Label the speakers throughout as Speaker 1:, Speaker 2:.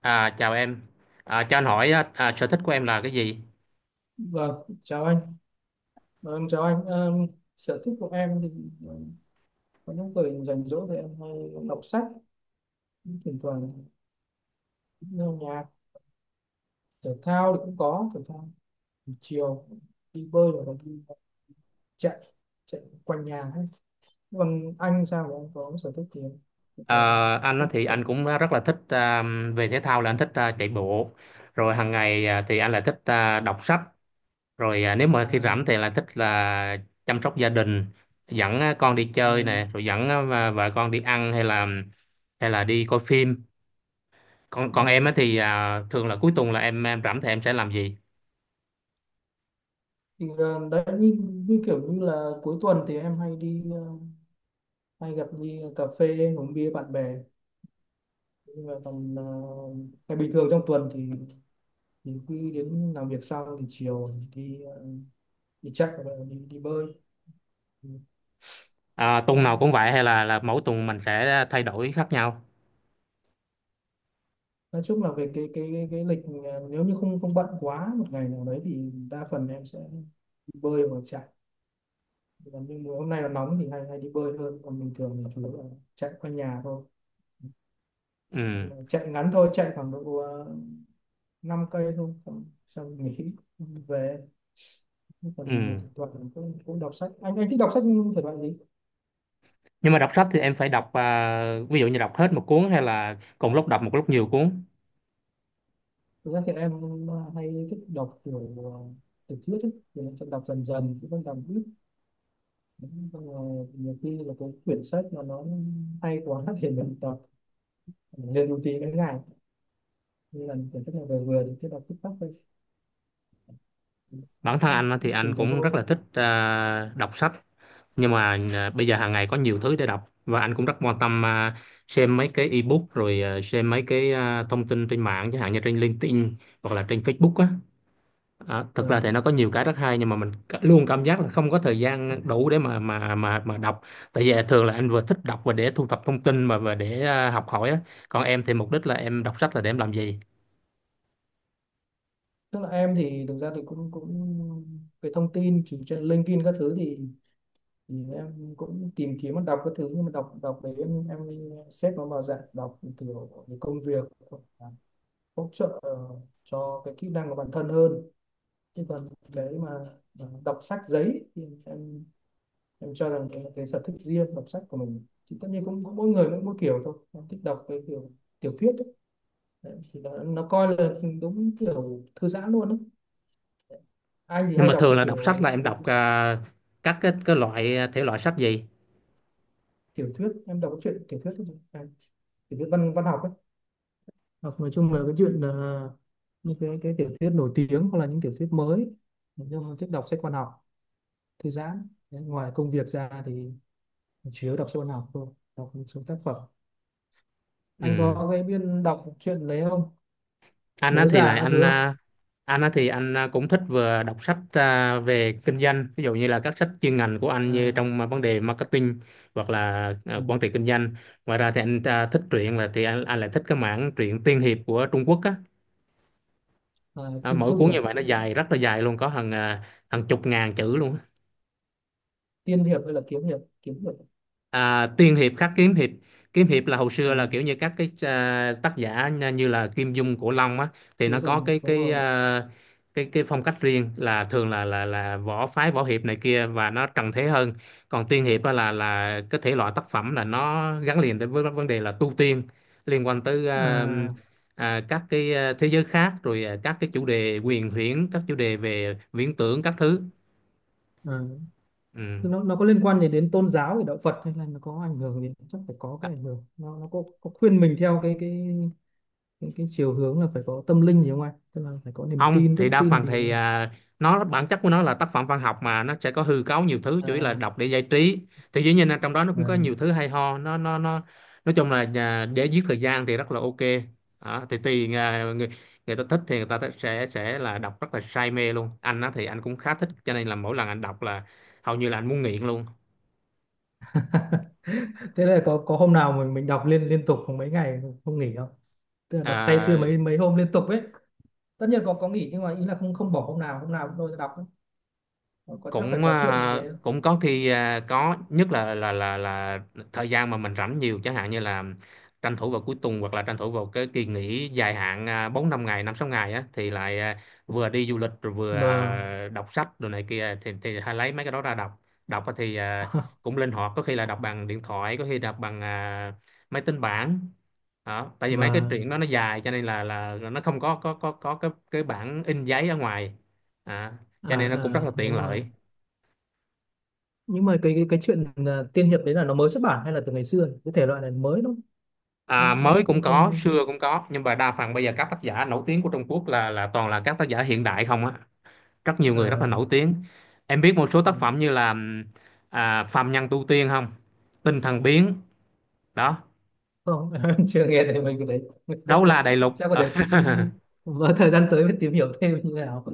Speaker 1: Chào em. Cho anh hỏi á, sở thích của em là cái gì?
Speaker 2: Vâng, chào anh. Vâng, chào anh. Ờ, Sở thích của em thì ờ, có những thời rảnh rỗi thì em hay đọc sách, thỉnh thoảng nghe nhạc, thể thao thì cũng có. Thể thao buổi chiều đi bơi hoặc là đi chạy, chạy quanh nhà hết. Còn anh sao, mà anh có sở thích gì không? Có
Speaker 1: À,
Speaker 2: thể là
Speaker 1: anh á
Speaker 2: thích
Speaker 1: thì
Speaker 2: tập
Speaker 1: anh cũng rất là thích về thể thao là anh thích chạy bộ. Rồi hàng ngày thì anh lại thích đọc sách. Rồi nếu mà khi rảnh
Speaker 2: à,
Speaker 1: thì lại thích là chăm sóc gia đình, dẫn con đi
Speaker 2: à,
Speaker 1: chơi nè, rồi dẫn vợ vợ con đi ăn hay là đi coi phim. Còn
Speaker 2: ừ.
Speaker 1: còn em á thì thường là cuối tuần là em rảnh thì em sẽ làm gì?
Speaker 2: Thì là đấy, như, như kiểu như là cuối tuần thì em hay đi hay gặp, đi cà phê, uống bia bạn bè. Nhưng mà tầm ngày bình thường trong tuần thì cứ đến làm việc xong thì chiều đi đi chạy hoặc là đi đi bơi. Ừ.
Speaker 1: Tuần nào cũng vậy hay là mỗi tuần mình sẽ thay đổi khác nhau?
Speaker 2: Nói chung là về cái lịch, ờ, nếu như không không bận quá một ngày nào đấy thì đa phần em sẽ đi bơi hoặc chạy. Còn nhưng mà hôm nay là nóng thì hay hay đi bơi hơn, còn bình thường thì chủ yếu là chạy quanh nhà thôi. Nhưng
Speaker 1: Ừ.
Speaker 2: mà chạy ngắn thôi, chạy khoảng độ 5 cây thôi, xong, xong nghỉ về. Còn mình
Speaker 1: Ừ.
Speaker 2: thỉnh thoảng cũng cũng đọc sách, anh thích đọc sách thể loại gì?
Speaker 1: Nhưng mà đọc sách thì em phải đọc ví dụ như đọc hết một cuốn hay là cùng lúc đọc một lúc nhiều cuốn.
Speaker 2: Thực ra thì em hay thích đọc kiểu tiểu thuyết ấy. Thì em sẽ đọc dần dần, cũng không đọc ít. Xong rồi nhiều khi là cái quyển sách mà nó hay quá thì mình đọc lên một tí đến ngày, như là quyển sách này vừa vừa thì cứ đọc tích tắc thôi,
Speaker 1: Bản thân anh á, thì anh
Speaker 2: tùy từng
Speaker 1: cũng rất
Speaker 2: hôm.
Speaker 1: là thích đọc sách, nhưng mà bây giờ hàng ngày có nhiều thứ để đọc và anh cũng rất quan tâm, xem mấy cái ebook, rồi xem mấy cái thông tin trên mạng chẳng hạn như trên LinkedIn hoặc là trên Facebook á. Thực
Speaker 2: Và
Speaker 1: ra thì nó có nhiều cái rất hay nhưng mà luôn cảm giác là không có thời gian đủ để mà đọc, tại vì thường là anh vừa thích đọc và để thu thập thông tin mà và để học hỏi á. Còn em thì mục đích là em đọc sách là để em làm gì?
Speaker 2: tức là em thì thực ra thì cũng cũng cái thông tin chỉ trên LinkedIn các thứ thì em cũng tìm kiếm và đọc các thứ. Nhưng mà đọc đọc đấy, em xếp nó vào dạng đọc kiểu về công việc, hỗ trợ cho cái kỹ năng của bản thân hơn. Chứ còn cái mà đọc sách giấy thì em cho rằng đấy là cái sở thích riêng. Đọc sách của mình thì tất nhiên cũng, mỗi người mỗi kiểu, thôi em thích đọc cái kiểu tiểu thuyết ấy. Đấy, thì nó coi là đúng kiểu thư giãn luôn ấy. Anh thì
Speaker 1: Nhưng
Speaker 2: hay
Speaker 1: mà
Speaker 2: đọc
Speaker 1: thường là đọc sách là
Speaker 2: kiểu
Speaker 1: em
Speaker 2: cái
Speaker 1: đọc, các cái loại thể loại sách gì?
Speaker 2: tiểu thuyết, em đọc cái chuyện tiểu thuyết thôi, tiểu thuyết văn văn học ấy, hoặc nói chung là cái chuyện, những cái tiểu thuyết nổi tiếng hoặc là những tiểu thuyết mới. Nói chung thích đọc sách văn học thư giãn. Đấy, ngoài công việc ra thì chủ yếu đọc sách văn học thôi, đọc một số tác phẩm. Anh
Speaker 1: Ừ.
Speaker 2: có cái biên đọc truyện đấy không,
Speaker 1: anh á
Speaker 2: bố
Speaker 1: thì
Speaker 2: già
Speaker 1: lại
Speaker 2: các
Speaker 1: anh
Speaker 2: thứ không?
Speaker 1: à, anh á thì anh cũng thích vừa đọc sách về kinh doanh, ví dụ như là các sách chuyên ngành của anh như
Speaker 2: À,
Speaker 1: trong vấn đề marketing hoặc là
Speaker 2: ừ,
Speaker 1: quản trị kinh doanh. Ngoài ra thì anh thích truyện là thì anh lại thích cái mảng truyện tiên hiệp của Trung Quốc á.
Speaker 2: à, Kim
Speaker 1: Mỗi
Speaker 2: Dung
Speaker 1: cuốn
Speaker 2: rồi
Speaker 1: như vậy nó
Speaker 2: Kim.
Speaker 1: dài rất là dài luôn, có hàng hàng chục ngàn chữ luôn á.
Speaker 2: Tiên hiệp hay là kiếm hiệp, kiếm hiệp.
Speaker 1: Tiên hiệp khắc kiếm hiệp. Kiếm hiệp là hồi
Speaker 2: À,
Speaker 1: xưa là kiểu như các cái tác giả như là Kim Dung, Cổ Long á, thì
Speaker 2: Kim
Speaker 1: nó có
Speaker 2: Dung đúng
Speaker 1: cái
Speaker 2: rồi.
Speaker 1: cái phong cách riêng là thường là là võ phái, võ hiệp này kia và nó trần thế hơn. Còn tiên hiệp á là cái thể loại tác phẩm là nó gắn liền tới với vấn đề là tu tiên, liên quan tới
Speaker 2: À,
Speaker 1: các cái thế giới khác, rồi các cái chủ đề huyền huyễn, các chủ đề về viễn tưởng các thứ.
Speaker 2: à,
Speaker 1: Ừ.
Speaker 2: nó có liên quan gì đến tôn giáo, thì đạo Phật, hay là nó có ảnh hưởng gì? Chắc phải có cái ảnh hưởng, nó có khuyên mình theo cái chiều hướng là phải có tâm linh gì không anh? Tức là phải có niềm
Speaker 1: Không,
Speaker 2: tin,
Speaker 1: thì
Speaker 2: đức
Speaker 1: đa
Speaker 2: tin
Speaker 1: phần
Speaker 2: thì
Speaker 1: thì nó bản chất của nó là tác phẩm văn học mà nó sẽ có hư cấu nhiều thứ, chủ yếu là
Speaker 2: à,
Speaker 1: đọc để giải trí. Thì dĩ nhiên là trong đó nó
Speaker 2: à.
Speaker 1: cũng có nhiều thứ hay ho, nó nói chung là để giết thời gian thì rất là ok. Đó, thì tùy người, người ta thích thì sẽ là đọc rất là say mê luôn. Anh á thì anh cũng khá thích cho nên là mỗi lần anh đọc là hầu như là anh muốn nghiện luôn.
Speaker 2: Thế là có hôm nào mình đọc liên liên tục mấy ngày không nghỉ không? Tức là đọc say sưa
Speaker 1: à,
Speaker 2: mấy mấy hôm liên tục ấy. Tất nhiên có nghỉ, nhưng mà ý là không không bỏ hôm nào, hôm nào cũng lôi ra đọc ấy. Có chắc phải
Speaker 1: Cũng
Speaker 2: có chuyện như thế.
Speaker 1: cũng có khi có, nhất là thời gian mà mình rảnh nhiều, chẳng hạn như là tranh thủ vào cuối tuần hoặc là tranh thủ vào cái kỳ nghỉ dài hạn 4 5 ngày 5 6 ngày á thì lại vừa đi du lịch rồi vừa
Speaker 2: mà
Speaker 1: đọc sách rồi này kia, thì hay lấy mấy cái đó ra đọc. Đọc á thì cũng linh hoạt, có khi là đọc bằng điện thoại, có khi đọc bằng máy tính bảng. Đó, tại vì mấy cái
Speaker 2: mà
Speaker 1: truyện đó nó dài cho nên là nó không có cái bản in giấy ở ngoài. À, cho
Speaker 2: à,
Speaker 1: nên nó cũng rất là
Speaker 2: à
Speaker 1: tiện
Speaker 2: đúng rồi.
Speaker 1: lợi.
Speaker 2: Nhưng mà cái chuyện à, tiên hiệp đấy là nó mới xuất bản hay là từ ngày xưa nhỉ? Cái thể loại này mới đúng không? em
Speaker 1: Mới
Speaker 2: em cũng
Speaker 1: cũng có,
Speaker 2: không.
Speaker 1: xưa cũng có, nhưng mà đa phần bây giờ các tác giả nổi tiếng của Trung Quốc là toàn là các tác giả hiện đại không á, rất nhiều người rất
Speaker 2: À,
Speaker 1: là nổi tiếng. Em biết một số
Speaker 2: ừ,
Speaker 1: tác phẩm như là Phàm Nhân Tu Tiên không? Tinh Thần Biến, đó,
Speaker 2: không. Em chưa nghe thấy mình cái đấy.
Speaker 1: Đấu La Đại Lục.
Speaker 2: Chắc có
Speaker 1: Ờ,
Speaker 2: thể ừ, vào thời gian tới mới tìm hiểu thêm như thế nào.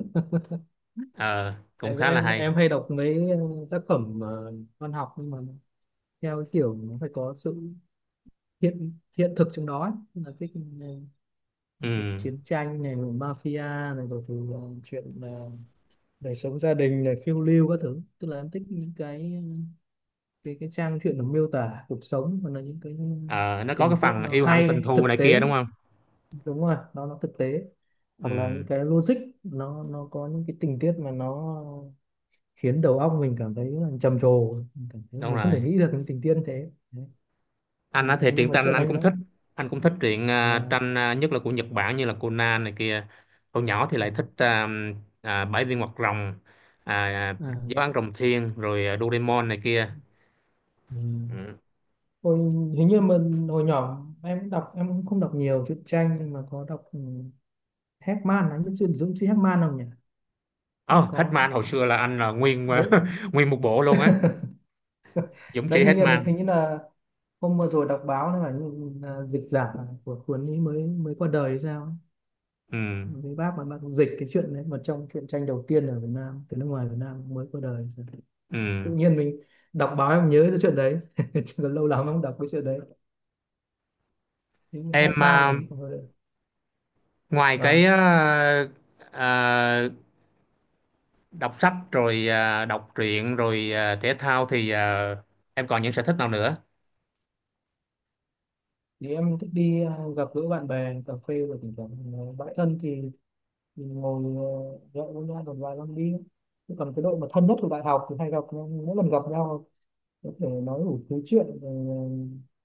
Speaker 1: ờ, cũng
Speaker 2: em
Speaker 1: khá là
Speaker 2: em
Speaker 1: hay.
Speaker 2: em hay đọc mấy tác phẩm văn học, nhưng mà theo cái kiểu nó phải có sự hiện hiện thực trong đó ấy. Tức là cái
Speaker 1: Ừ.
Speaker 2: việc chiến tranh này rồi mafia này rồi thì chuyện đời sống gia đình này, phiêu lưu các thứ. Tức là em thích những cái trang truyện nó miêu tả cuộc sống, và là những cái
Speaker 1: Ờ, nó có cái
Speaker 2: tình tiết
Speaker 1: phần
Speaker 2: nó
Speaker 1: yêu hận tình
Speaker 2: hay,
Speaker 1: thù
Speaker 2: thực
Speaker 1: này
Speaker 2: tế.
Speaker 1: kia đúng không?
Speaker 2: Đúng rồi, nó thực tế. Hoặc là
Speaker 1: Ừ,
Speaker 2: những cái logic, nó có những cái tình tiết mà nó khiến đầu óc mình cảm thấy là trầm trồ, mình cảm thấy là
Speaker 1: đúng
Speaker 2: mình không thể
Speaker 1: rồi.
Speaker 2: nghĩ được những tình tiết như thế. Đấy. Thì,
Speaker 1: Anh á thì
Speaker 2: nhưng
Speaker 1: truyện
Speaker 2: mà
Speaker 1: tranh
Speaker 2: chuyện
Speaker 1: anh
Speaker 2: anh
Speaker 1: cũng
Speaker 2: đã
Speaker 1: thích, anh cũng thích truyện
Speaker 2: là
Speaker 1: tranh, nhất là của Nhật Bản như là Conan này kia. Hồi nhỏ thì lại thích Bảy viên hoạt rồng, à, à,
Speaker 2: à,
Speaker 1: Giáo án rồng thiên, rồi Doraemon này kia.
Speaker 2: ừ.
Speaker 1: Ừ.
Speaker 2: Hồi hình như mình hồi nhỏ em cũng đọc, em cũng không đọc nhiều truyện tranh nhưng mà có đọc, ừ, Heckman, anh biết chuyện Dũng sĩ Heckman không nhỉ, em
Speaker 1: Oh,
Speaker 2: có.
Speaker 1: Hitman hồi xưa là anh là nguyên
Speaker 2: Đấy.
Speaker 1: nguyên một bộ luôn á. Dũng
Speaker 2: Đấy
Speaker 1: sĩ Hitman.
Speaker 2: hình như là hôm vừa rồi đọc báo là, ừ, là dịch giả của cuốn ấy mới mới qua đời hay sao.
Speaker 1: Ừ.
Speaker 2: Với bác mà bác dịch cái chuyện đấy mà trong truyện tranh đầu tiên ở Việt Nam từ nước ngoài Việt Nam mới qua đời.
Speaker 1: Ừ.
Speaker 2: Tự nhiên mình đọc báo em nhớ cái chuyện đấy chứ còn lâu lắm em không đọc cái chuyện đấy, những
Speaker 1: Em
Speaker 2: Hackman này.
Speaker 1: ngoài
Speaker 2: Và
Speaker 1: cái à, đọc sách rồi đọc truyện rồi thể thao thì em còn những sở thích nào nữa?
Speaker 2: thì em thích đi gặp gỡ bạn bè, cà phê, rồi thỉnh thoảng bạn thân thì mình ngồi nhậu với nhau một vài năm đi. Chứ còn cái đội mà thân nhất của đại học thì hay gặp nhau, mỗi lần gặp nhau có thể nói đủ thứ chuyện rồi,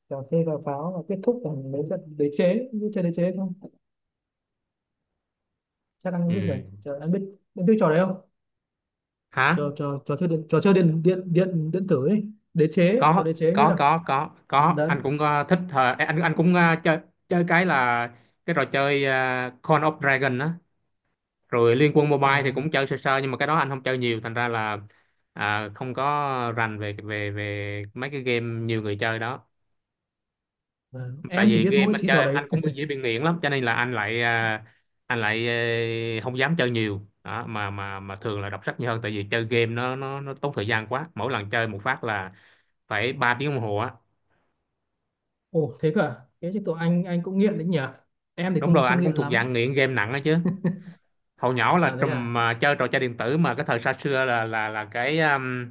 Speaker 2: ờ, cà phê cà pháo và kết thúc bằng mấy trận đế chế, như chơi đế chế không? Chắc anh biết rồi,
Speaker 1: Ừ.
Speaker 2: chờ anh biết. Anh biết trò đấy không,
Speaker 1: Hả?
Speaker 2: trò trò trò chơi điện, trò chơi điện điện tử ấy, đế chế, trò đế chế anh biết không?
Speaker 1: Có,
Speaker 2: Đấy
Speaker 1: anh cũng ờ, thích, ờ, anh cũng ờ, chơi, chơi cái là cái trò chơi ờ, Call of Dragon á, rồi Liên Quân Mobile thì cũng
Speaker 2: à.
Speaker 1: chơi sơ sơ, nhưng mà cái đó anh không chơi nhiều thành ra là không có rành về về về mấy cái game nhiều người chơi đó.
Speaker 2: Vâng.
Speaker 1: Tại
Speaker 2: Em thì
Speaker 1: vì
Speaker 2: biết
Speaker 1: game
Speaker 2: mỗi
Speaker 1: anh
Speaker 2: chỉ
Speaker 1: chơi
Speaker 2: trò đấy.
Speaker 1: anh cũng bị dễ bị nghiện lắm cho nên là anh lại anh lại ờ, không dám chơi nhiều. Đó, mà thường là đọc sách nhiều hơn tại vì chơi game nó tốn thời gian quá, mỗi lần chơi một phát là phải 3 tiếng đồng hồ á.
Speaker 2: Ồ thế cơ à, thế thì tụi anh cũng nghiện đấy nhỉ. Em thì
Speaker 1: Đúng
Speaker 2: cũng
Speaker 1: rồi,
Speaker 2: không
Speaker 1: anh cũng
Speaker 2: nghiện
Speaker 1: thuộc
Speaker 2: lắm.
Speaker 1: dạng nghiện game nặng đó chứ. Hồi nhỏ là
Speaker 2: À thế à.
Speaker 1: trùm chơi trò chơi điện tử mà cái thời xa xưa là cái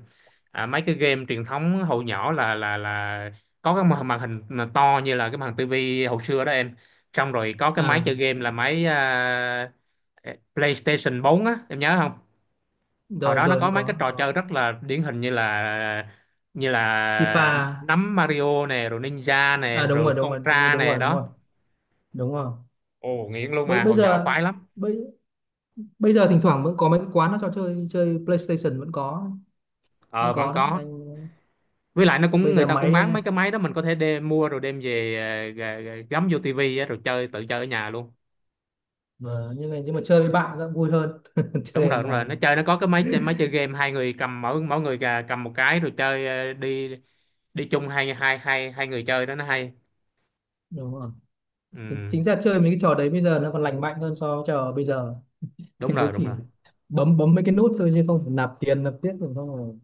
Speaker 1: mấy cái game truyền thống, hồi nhỏ là có cái màn màn hình mà to như là cái màn hình tivi hồi xưa đó em. Xong rồi có cái máy chơi
Speaker 2: À
Speaker 1: game là máy PlayStation 4 á, em nhớ không? Hồi
Speaker 2: rồi
Speaker 1: đó nó
Speaker 2: rồi
Speaker 1: có
Speaker 2: em
Speaker 1: mấy cái trò chơi
Speaker 2: có
Speaker 1: rất là điển hình như
Speaker 2: FIFA.
Speaker 1: là nắm Mario nè, rồi Ninja
Speaker 2: À
Speaker 1: nè,
Speaker 2: đúng
Speaker 1: rồi
Speaker 2: rồi đúng rồi đúng rồi
Speaker 1: Contra
Speaker 2: đúng
Speaker 1: nè
Speaker 2: rồi đúng
Speaker 1: đó.
Speaker 2: rồi Đúng rồi.
Speaker 1: Ồ nghiện luôn,
Speaker 2: bây
Speaker 1: mà
Speaker 2: bây
Speaker 1: hồi nhỏ
Speaker 2: giờ
Speaker 1: khoái lắm.
Speaker 2: bây bây giờ thỉnh thoảng vẫn có mấy cái quán nó cho chơi chơi PlayStation, vẫn có.
Speaker 1: Ờ
Speaker 2: Vẫn
Speaker 1: vẫn
Speaker 2: có đấy
Speaker 1: có,
Speaker 2: anh.
Speaker 1: với lại nó
Speaker 2: Bây
Speaker 1: cũng người
Speaker 2: giờ
Speaker 1: ta cũng
Speaker 2: máy.
Speaker 1: bán mấy cái máy đó, mình có thể đem mua rồi đem về ờ, gắm vô tivi á, rồi chơi tự chơi ở nhà luôn.
Speaker 2: Vâng, nhưng mà chơi với bạn cũng vui hơn
Speaker 1: Đúng
Speaker 2: chơi ở
Speaker 1: rồi, đúng rồi,
Speaker 2: nhà.
Speaker 1: nó chơi nó có cái máy chơi, máy chơi game hai người cầm, mỗi mỗi người cầm một cái rồi chơi ờ, đi đi chung, hai hai hai hai người chơi đó nó hay.
Speaker 2: Đúng rồi.
Speaker 1: Ừ,
Speaker 2: Chính ra chơi mấy cái trò đấy bây giờ nó còn lành mạnh hơn so với trò bây giờ.
Speaker 1: đúng
Speaker 2: Nó
Speaker 1: rồi, đúng
Speaker 2: chỉ
Speaker 1: rồi.
Speaker 2: bấm bấm mấy cái nút thôi, chứ không phải nạp tiền, nạp tiếp rồi, không rồi,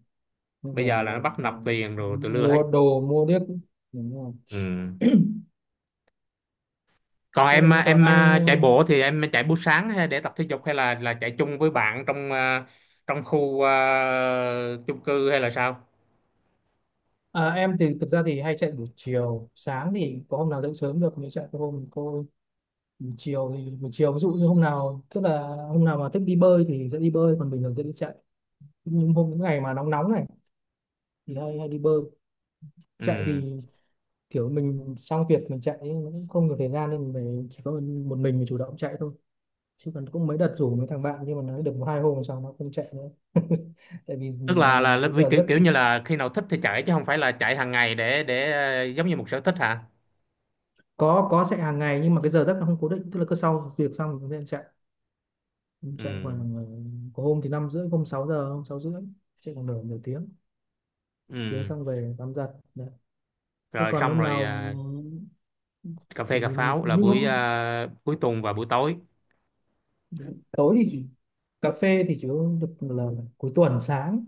Speaker 2: không
Speaker 1: Bây
Speaker 2: phải
Speaker 1: giờ là nó bắt nạp tiền rồi tụi lưa hết.
Speaker 2: mua đồ mua điếc. Đúng rồi.
Speaker 1: Ừ. Còn
Speaker 2: Biết là
Speaker 1: em
Speaker 2: chứng tỏ anh.
Speaker 1: chạy bộ thì em chạy buổi sáng hay để tập thể dục hay là chạy chung với bạn trong trong khu chung cư hay là sao?
Speaker 2: Em thì thực ra thì hay chạy buổi chiều, sáng thì có hôm nào dậy sớm được mới chạy, có hôm cô. Buổi chiều thì buổi chiều ví dụ như hôm nào, tức là hôm nào mà thích đi bơi thì sẽ đi bơi, còn bình thường sẽ đi chạy. Nhưng hôm những ngày mà nóng nóng này thì hay hay đi bơi. Chạy
Speaker 1: Ừ,
Speaker 2: thì kiểu mình xong việc mình chạy ấy, nó cũng không nhiều thời gian nên mình chỉ có một mình chủ động chạy thôi. Chứ còn cũng mấy đợt rủ mấy thằng bạn nhưng mà nó được một hai hôm sau nó không chạy nữa. Tại vì
Speaker 1: tức là
Speaker 2: à, cái
Speaker 1: vì
Speaker 2: giờ
Speaker 1: kiểu
Speaker 2: giấc.
Speaker 1: kiểu như là khi nào thích thì chạy chứ không phải là chạy hàng ngày để ờ, giống như một sở thích hả?
Speaker 2: Có chạy hàng ngày nhưng mà cái giờ giấc nó không cố định, tức là cứ sau việc xong thì chúng ta chạy, chạy
Speaker 1: Ừ.
Speaker 2: khoảng có hôm thì năm rưỡi, hôm 6 giờ, hôm sáu rưỡi, chạy khoảng nửa nửa tiếng, tiếng
Speaker 1: Ừ.
Speaker 2: xong về tắm giặt. Đấy. Thế
Speaker 1: Rồi
Speaker 2: còn
Speaker 1: xong
Speaker 2: hôm
Speaker 1: rồi
Speaker 2: nào
Speaker 1: cà phê
Speaker 2: thì
Speaker 1: cà pháo là
Speaker 2: những
Speaker 1: buổi
Speaker 2: hôm
Speaker 1: cuối tuần và buổi tối.
Speaker 2: tối thì cà phê thì chỉ uống được là cuối tuần sáng.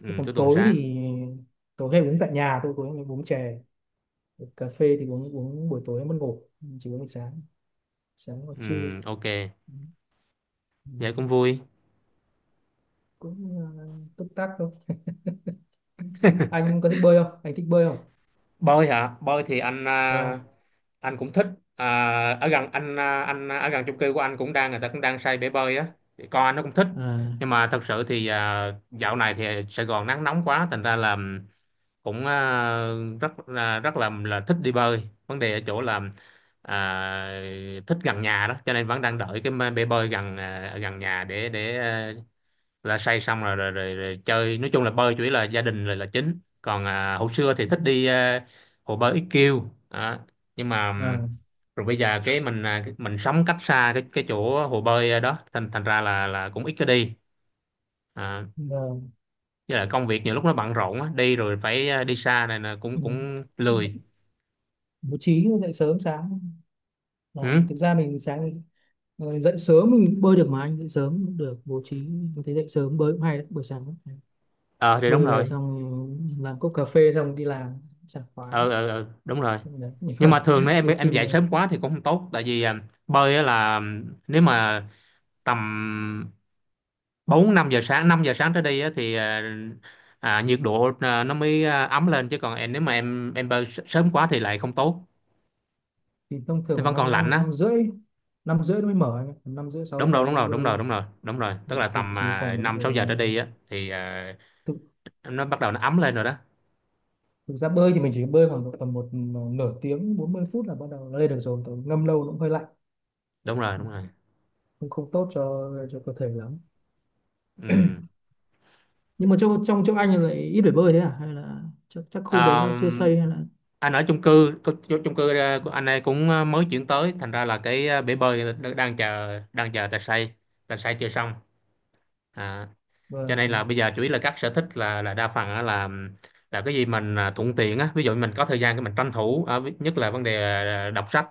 Speaker 1: Ừ,
Speaker 2: Chứ còn
Speaker 1: cuối tuần
Speaker 2: tối
Speaker 1: sáng.
Speaker 2: thì tối hay uống tại nhà thôi, tối hay uống chè. Cà phê thì uống uống buổi tối mất ngủ, chỉ uống buổi sáng, sáng hoặc
Speaker 1: Ừ,
Speaker 2: trưa.
Speaker 1: ok,
Speaker 2: Ừ. Ừ.
Speaker 1: vậy cũng vui.
Speaker 2: Cũng túc tắc thôi. Anh có thích bơi không, anh thích bơi không?
Speaker 1: Bơi hả? Bơi thì anh
Speaker 2: Vâng.
Speaker 1: anh cũng thích, à, ở gần anh, anh ở gần chung cư của anh cũng đang, người ta cũng đang xây bể bơi á. Thì con anh nó cũng thích, nhưng
Speaker 2: À.
Speaker 1: mà thật sự thì dạo này thì Sài Gòn nắng nóng quá thành ra là cũng rất là thích đi bơi. Vấn đề ở chỗ là à, thích gần nhà đó, cho nên vẫn đang đợi cái bể bơi gần gần nhà, để là say, xong rồi rồi, rồi rồi chơi. Nói chung là bơi chủ yếu là gia đình rồi là chính, còn hồi xưa thì thích đi hồ bơi IQ đó. Nhưng mà
Speaker 2: À
Speaker 1: rồi bây giờ cái mình mình sống cách xa cái chỗ hồ bơi đó thành thành ra là cũng ít có đi. à,
Speaker 2: vâng.
Speaker 1: với lại công việc nhiều lúc nó bận rộn á, đi rồi phải đi xa này là cũng
Speaker 2: Ừ.
Speaker 1: cũng lười.
Speaker 2: Bố trí dậy sớm sáng. Ờ,
Speaker 1: Ừ.
Speaker 2: thực ra mình sáng dậy sớm mình bơi được mà, anh dậy sớm cũng được, bố trí mình thấy dậy sớm bơi cũng hay đấy, buổi sáng
Speaker 1: Ờ thì đúng
Speaker 2: bơi về
Speaker 1: rồi.
Speaker 2: xong làm cốc cà phê xong đi làm, sảng khoái.
Speaker 1: Ờ đúng rồi.
Speaker 2: Đấy, nhưng
Speaker 1: Nhưng mà
Speaker 2: mà
Speaker 1: thường nếu
Speaker 2: nhiều
Speaker 1: em
Speaker 2: khi
Speaker 1: dậy
Speaker 2: mình
Speaker 1: sớm quá thì cũng không tốt tại vì bơi á là nếu mà tầm 4 5 giờ sáng, 5 giờ sáng tới đi á thì nhiệt độ nó mới ấm lên, chứ còn em nếu mà em bơi sớm quá thì lại không tốt.
Speaker 2: thì thông thường
Speaker 1: Nó
Speaker 2: khoảng
Speaker 1: vẫn còn
Speaker 2: năm
Speaker 1: lạnh
Speaker 2: năm
Speaker 1: á.
Speaker 2: năm rưỡi, năm rưỡi nó mới mở, năm rưỡi sáu
Speaker 1: Đúng rồi,
Speaker 2: kém nó
Speaker 1: đúng
Speaker 2: mới
Speaker 1: rồi, đúng rồi,
Speaker 2: bơi.
Speaker 1: đúng rồi, đúng rồi. Tức là
Speaker 2: Mình thì
Speaker 1: tầm
Speaker 2: chỉ còn độ,
Speaker 1: 5 6 giờ tới đi á thì
Speaker 2: thực,
Speaker 1: nó bắt đầu nó ấm lên rồi đó.
Speaker 2: thực ra bơi thì mình chỉ bơi khoảng độ tầm một nửa tiếng 40 phút là bắt đầu lên được rồi. Tại ngâm lâu nó cũng hơi lạnh,
Speaker 1: Đúng rồi, đúng rồi.
Speaker 2: cũng không tốt cho cơ thể lắm. Nhưng mà trong trong chỗ anh lại ít phải bơi thế à, hay là chắc, chắc
Speaker 1: Ừ.
Speaker 2: khu đấy nó chưa xây hay là.
Speaker 1: Anh ở chung cư chung cư ờ, của anh ấy cũng ờ, mới chuyển tới thành ra là cái ờ, bể bơi đang chờ, đang chờ tài xay, tài xay chưa xong. à, cho nên là
Speaker 2: Vâng.
Speaker 1: bây giờ chủ yếu là các sở thích là đa phần á là cái gì mình thuận tiện á, ví dụ mình có thời gian thì mình tranh thủ, nhất là vấn đề đọc sách.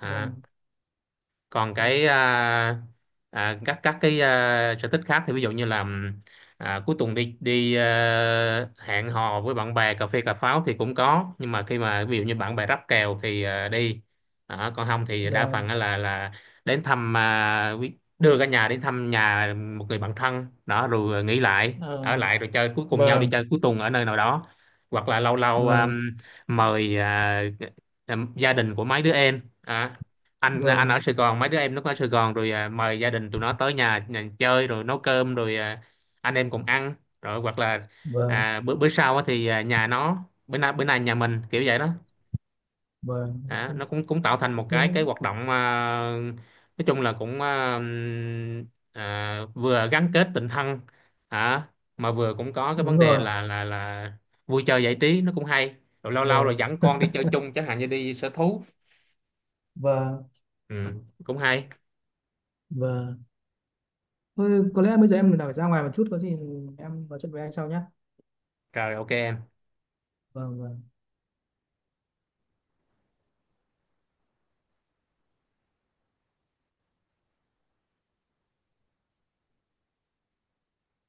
Speaker 1: À,
Speaker 2: vâng
Speaker 1: còn
Speaker 2: vâng
Speaker 1: cái các cái sở thích khác thì ví dụ như là cuối tuần đi đi hẹn hò với bạn bè cà phê cà pháo thì cũng có, nhưng mà khi mà ví dụ như bạn bè ráp kèo thì đi. Đó, còn không thì đa phần
Speaker 2: vâng
Speaker 1: á là đến thăm đưa cả nhà đến thăm nhà một người bạn thân đó, rồi nghỉ lại
Speaker 2: À,
Speaker 1: ở lại rồi chơi cuối cùng nhau, đi
Speaker 2: vâng.
Speaker 1: chơi cuối tuần ở nơi nào đó, hoặc là lâu lâu
Speaker 2: Vâng.
Speaker 1: mời gia đình của mấy đứa em. Đó, anh
Speaker 2: Rồi.
Speaker 1: ở Sài Gòn, mấy đứa em nó ở Sài Gòn, rồi mời gia đình tụi nó tới nhà chơi, rồi nấu cơm rồi anh em cùng ăn, rồi hoặc là
Speaker 2: Vâng.
Speaker 1: bữa bữa sau á thì nhà nó, bữa nay nhà mình, kiểu vậy đó.
Speaker 2: Vâng. Ok.
Speaker 1: Nó cũng cũng tạo thành một cái
Speaker 2: Đúng,
Speaker 1: hoạt động nói chung là cũng vừa gắn kết tình thân hả, mà vừa cũng có cái vấn
Speaker 2: đúng
Speaker 1: đề
Speaker 2: rồi.
Speaker 1: là vui chơi giải trí, nó cũng hay. Rồi lâu lâu rồi
Speaker 2: Rồi.
Speaker 1: dẫn con đi chơi chung chẳng hạn như đi sở thú,
Speaker 2: Và.
Speaker 1: ừ, cũng hay.
Speaker 2: Và thôi có lẽ bây giờ em phải ra ngoài một chút, có gì em nói chuyện với anh sau nhé.
Speaker 1: Rồi ok em.
Speaker 2: Vâng, vâng.